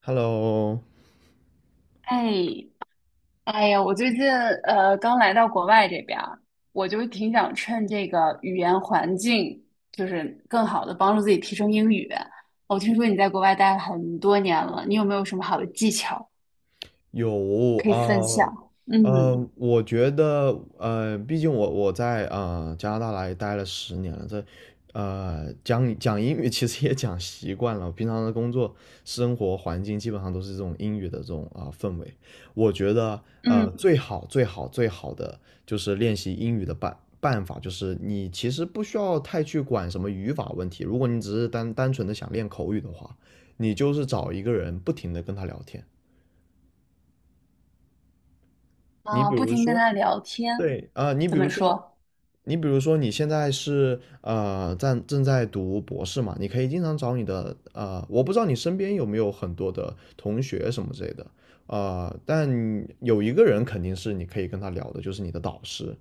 Hello。哎，哎呀，我最近刚来到国外这边儿，我就挺想趁这个语言环境，就是更好的帮助自己提升英语。我听说你在国外待了很多年了，你有没有什么好的技巧有可以啊，分享？嗯我觉得，毕竟我在加拿大来待了10年了。这讲讲英语其实也讲习惯了，平常的工作生活环境基本上都是这种英语的这种氛围。我觉得，嗯。最好的就是练习英语的办法，就是你其实不需要太去管什么语法问题。如果你只是单纯的想练口语的话，你就是找一个人不停的跟他聊天。你啊，比不如停跟说，他聊天，对啊，你比怎如么说，说？你比如说你现在是正在读博士嘛。你可以经常找你的我不知道你身边有没有很多的同学什么之类的，但有一个人肯定是你可以跟他聊的，就是你的导师，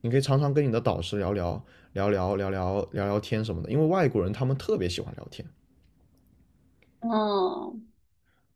你可以常常跟你的导师聊聊天什么的，因为外国人他们特别喜欢聊天。嗯。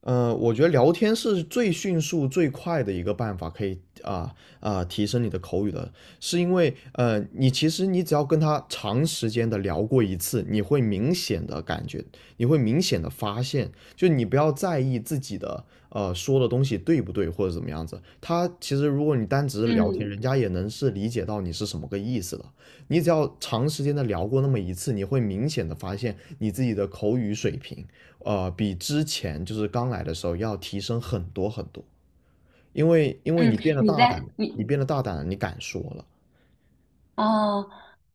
我觉得聊天是最迅速、最快的一个办法，可以啊提升你的口语的。是因为你其实你只要跟他长时间的聊过一次，你会明显的感觉，你会明显的发现，就你不要在意自己的说的东西对不对或者怎么样子，他其实如果你单只是聊天，嗯人家也能是理解到你是什么个意思的。你只要长时间的聊过那么一次，你会明显的发现你自己的口语水平比之前就是刚来的时候要提升很多很多。因为嗯，你变得你大胆在了，你你变得大胆了，你敢说了。哦，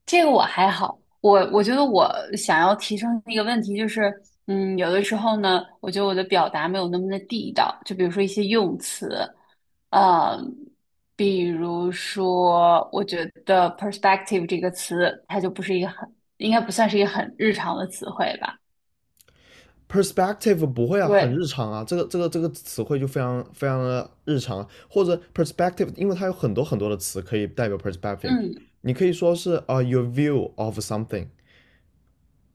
这个我还好，我觉得我想要提升的一个问题就是，嗯，有的时候呢，我觉得我的表达没有那么的地道，就比如说一些用词，呃，比如说我觉得 perspective 这个词，它就不是一个很，应该不算是一个很日常的词汇吧？perspective 不会啊，很对，日常啊，这个词汇就非常非常的日常啊。或者 perspective，因为它有很多很多的词可以代表 perspective。嗯，你可以说是your view of something。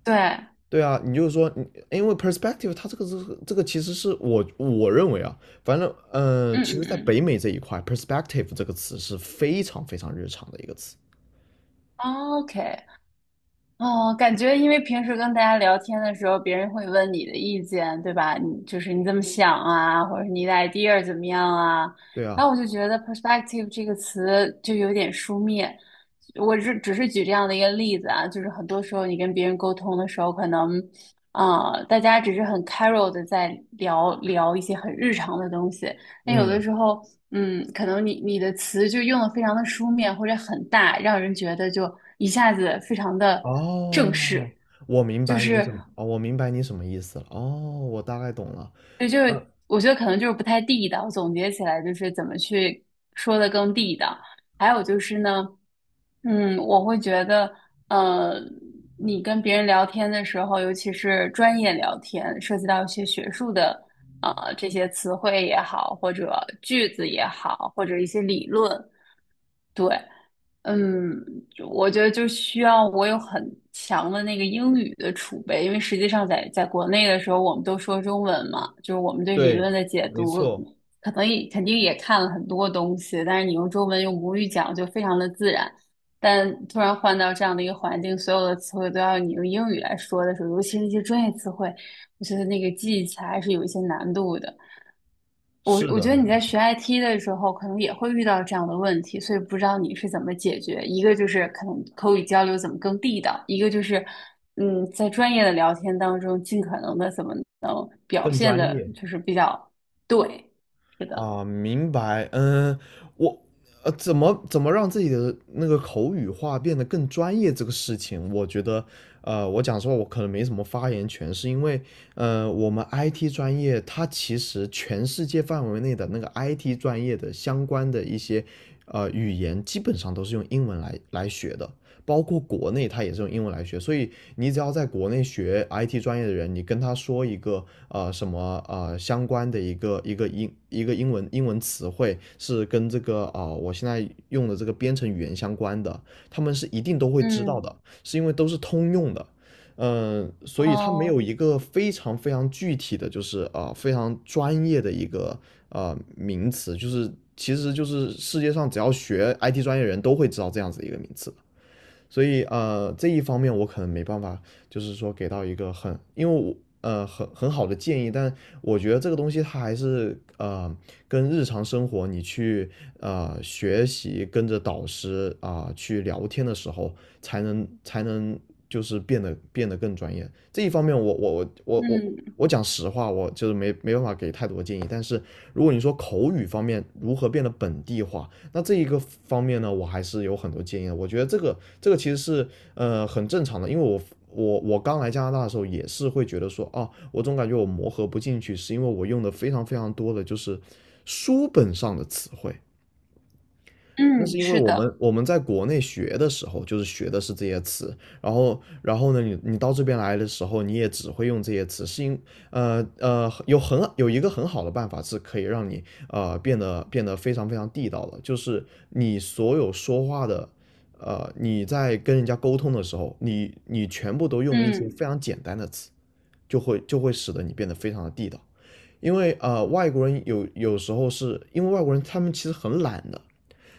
对，嗯。对啊，你就是说，你因为 perspective 它这个其实是我认为啊。反正其实在嗯。北美这一块，perspective 这个词是非常非常日常的一个词。嗯，OK。哦，感觉因为平时跟大家聊天的时候，别人会问你的意见，对吧？你就是你怎么想啊，或者是你的 idea 怎么样啊？对然啊。后我就觉得 perspective 这个词就有点书面。我是只是举这样的一个例子啊，就是很多时候你跟别人沟通的时候，可能，啊，大家只是很 c a r u a l 的在聊聊一些很日常的东西，那有的嗯。时候，嗯，可能你的词就用的非常的书面或者很大，让人觉得就一下子非常的正哦，式，我明就白你是什么，哦，我明白你什么意思了。哦，我大概懂了。对，就嗯，是我觉得可能就是不太地道。总结起来就是怎么去说的更地道。还有就是呢，嗯，我会觉得，呃，你跟别人聊天的时候，尤其是专业聊天，涉及到一些学术的。呃，这些词汇也好，或者句子也好，或者一些理论，对，嗯，我觉得就需要我有很强的那个英语的储备，因为实际上在国内的时候，我们都说中文嘛，就是我们对理对，论的解没读，错，可能也肯定也看了很多东西，但是你用中文用母语讲就非常的自然。但突然换到这样的一个环境，所有的词汇都要你用英语来说的时候，尤其是一些专业词汇，我觉得那个记忆起来还是有一些难度的。我是我觉的。得你在学 IT 的时候，可能也会遇到这样的问题，所以不知道你是怎么解决。一个就是可能口语交流怎么更地道，一个就是嗯，在专业的聊天当中，尽可能的怎么能表更现专的，业。就是比较对，是的，啊，明白。嗯，我怎么让自己的那个口语化变得更专业这个事情，我觉得，我讲实话，我可能没什么发言权。是因为，我们 IT 专业，它其实全世界范围内的那个 IT 专业的相关的一些，语言基本上都是用英文来学的。包括国内他也是用英文来学，所以你只要在国内学 IT 专业的人，你跟他说一个什么相关的一个英文词汇是跟这个我现在用的这个编程语言相关的，他们是一定都会知道嗯，的，是因为都是通用的。嗯，所以它没有哦，一个非常非常具体的，就是非常专业的一个名词，就是其实就是世界上只要学 IT 专业的人都会知道这样子一个名词。所以这一方面我可能没办法，就是说给到一个很，因为我很好的建议。但我觉得这个东西它还是跟日常生活你去学习，跟着导师去聊天的时候，才能就是变得更专业。这一方面我我我我我嗯。我讲实话，我就是没办法给太多建议。但是如果你说口语方面如何变得本地化，那这一个方面呢，我还是有很多建议的。我觉得这个其实是很正常的。因为我刚来加拿大的时候也是会觉得说，啊，我总感觉我磨合不进去，是因为我用的非常非常多的就是书本上的词汇。那是嗯，因为是我们的，我们在国内学的时候，就是学的是这些词。然后呢，你到这边来的时候，你也只会用这些词。是因呃呃有一个很好的办法是可以让你变得非常非常地道的，就是你所有说话的，你在跟人家沟通的时候，你全部都用一些非嗯常简单的词，就会使得你变得非常的地道。因为外国人有时候是因为外国人他们其实很懒的。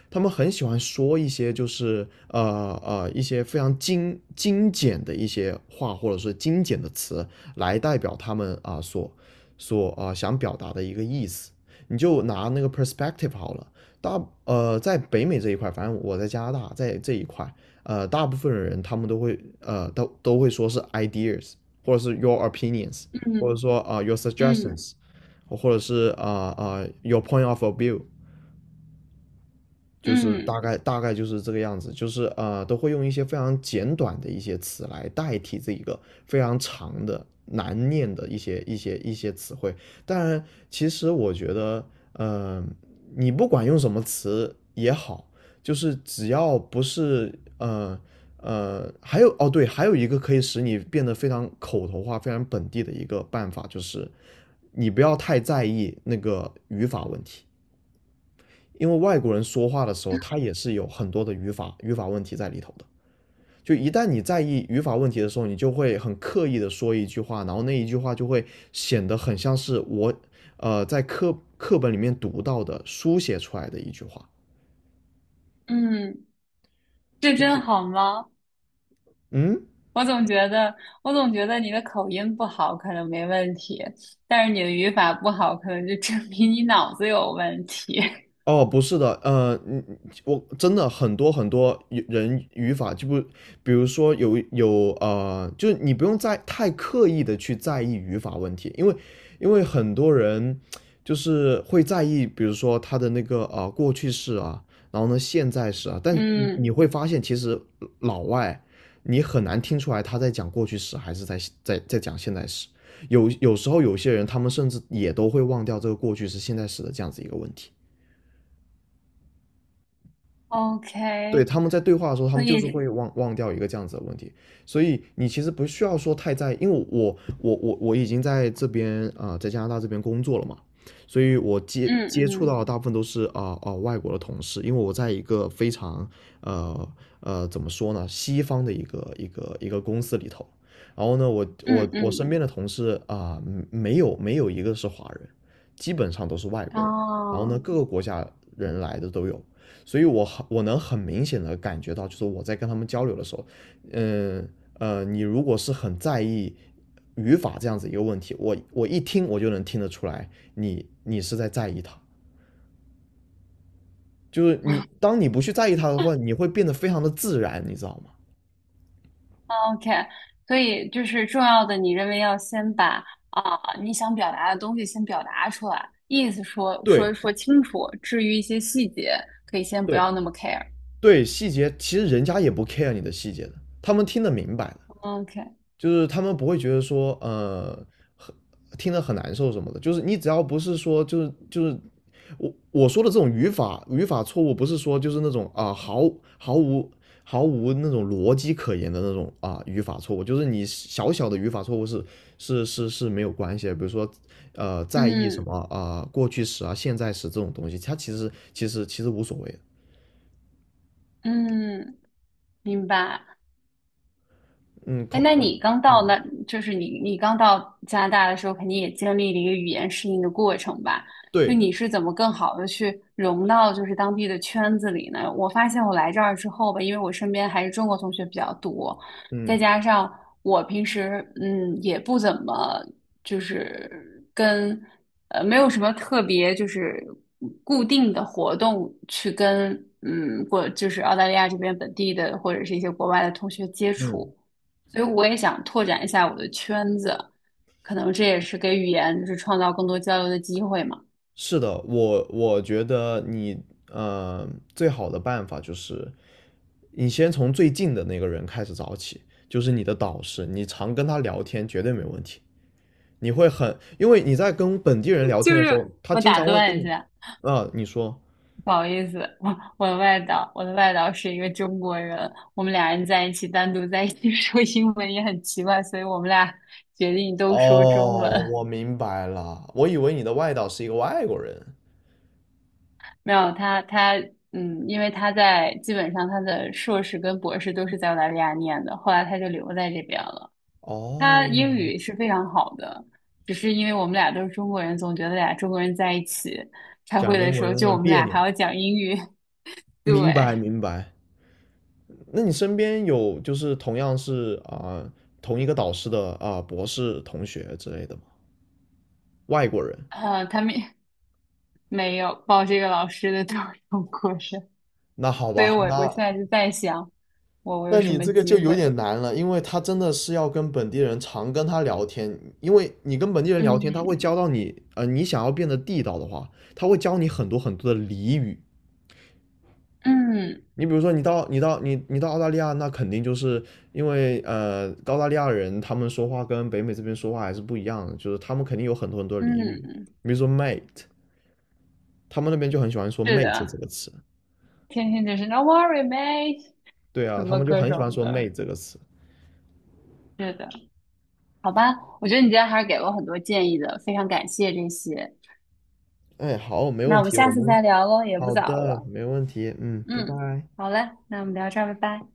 他们很喜欢说一些就是一些非常精简的一些话，或者是精简的词来代表他们所想表达的一个意思。你就拿那个 perspective 好了。在北美这一块，反正我在加拿大在这一块，大部分人他们都会说是 ideas，或者是 your opinions，或者嗯说your 嗯。 suggestions，或者是your point of view。就是大嗯。概大概就是这个样子，就是都会用一些非常简短的一些词来代替这一个非常长的难念的一些词汇。当然，其实我觉得，呃，你不管用什么词也好，就是只要不是，还有哦对，还有一个可以使你变得非常口头化、非常本地的一个办法，就是你不要太在意那个语法问题。因为外国人说话的时候，他也是有很多的语法问题在里头的。就一旦你在意语法问题的时候，你就会很刻意的说一句话，然后那一句话就会显得很像是我在课本里面读到的书写出来的一句话。嗯。嗯这就真是好吗？嗯。我总觉得，我总觉得你的口音不好可能没问题，但是你的语法不好，可能就证明你脑子有问题。哦，不是的，我真的很多很多语法就不，比如说有有呃，就是你不用在太刻意的去在意语法问题。因为很多人就是会在意，比如说他的那个过去式啊，然后呢现在式啊。但你嗯会发现其实老外你很难听出来他在讲过去式还是在讲现在时。有时候有些人他们甚至也都会忘掉这个过去式现在时的这样子一个问题。对，，OK,他们在对话的时候，他所们就是会以，忘掉一个这样子的问题。所以你其实不需要说太在意，因为我已经在这边在加拿大这边工作了嘛。所以我接嗯。接触到嗯。的大部分都是外国的同事，因为我在一个非常呃怎么说呢，西方的一个公司里头。然后呢，我我嗯我身嗯，边的同事没有一个是华人，基本上都是外国人。然后呢，哦各个国家人来的都有。所以我能很明显的感觉到，就是我在跟他们交流的时候，嗯你如果是很在意语法这样子一个问题，我一听我就能听得出来你，你是在在意它。就是你当你不去在意它的话，你会变得非常的自然，你知道吗？，OK,所以就是重要的，你认为要先把你想表达的东西先表达出来，意思说说对说清楚，至于一些细节，可以先不对要那么 care。对，细节其实人家也不 care 你的细节的，他们听得明白的。OK,就是他们不会觉得说，很听得很难受什么的。就是你只要不是说，就是我说的这种语法错误。不是说就是那种毫无毫无那种逻辑可言的那种语法错误。就是你小小的语法错误是没有关系的。比如说，在意什嗯么过去时啊现在时这种东西，它其实无所谓的。嗯。明白。嗯，哎，口那嗯你刚到嗯那，就是你刚到加拿大的时候，肯定也经历了一个语言适应的过程吧？就对你是怎么更好的去融到就是当地的圈子里呢？我发现我来这儿之后吧，因为我身边还是中国同学比较多，再嗯加上我平时嗯也不怎么就是跟没有什么特别就是固定的活动去跟嗯过就是澳大利亚这边本地的或者是一些国外的同学接嗯。触。所以我也想拓展一下我的圈子，可能这也是给语言就是创造更多交流的机会嘛。是的，我觉得你呃最好的办法就是你先从最近的那个人开始找起，就是你的导师，你常跟他聊天绝对没问题。你会很，因为你在跟本地人 聊就天的时是候，他我经打常会跟断一你。下，啊，你说。不好意思，我的外导，我的外导是一个中国人，我们俩人在一起单独在一起 说英文也很奇怪，所以我们俩决定都说中哦，文。我明白了，我以为你的外导是一个外国人。没有他，他嗯，因为他在基本上他的硕士跟博士都是在澳大利亚念的，后来他就留在这边了。他英哦，语是非常好的，只是因为我们俩都是中国人，总觉得俩中国人在一起开讲会的英时文候，有就点我们别俩扭。还要讲英语。对，明白明白。那你身边有就是同样是同一个导师的博士同学之类的吗？外国人？他们没有报这个老师的都是中国人。那好所以吧。我现那在就在想，我有那什你么这个机就有会？点难了，因为他真的是要跟本地人常跟他聊天，因为你跟本地人聊天，他会嗯。教到你。你想要变得地道的话，他会教你很多很多的俚语。嗯。你比如说你，到你到你你到澳大利亚，那肯定就是因为澳大利亚人他们说话跟北美这边说话还是不一样的，就是他们肯定有很多很多俚语，嗯，比如说 mate，他们那边就很喜欢说是“妹子"这的，个词。天天就是 No worry, mate,对什啊，他么们就各很喜欢种说"妹"的，这个词。是的，好吧，我觉得你今天还是给了我很多建议的，非常感谢这些。哎，好，没那问我们题，下我次们再聊喽，也不好早的，了。没问题。嗯，拜嗯，拜。好嘞，那我们聊这儿，拜拜。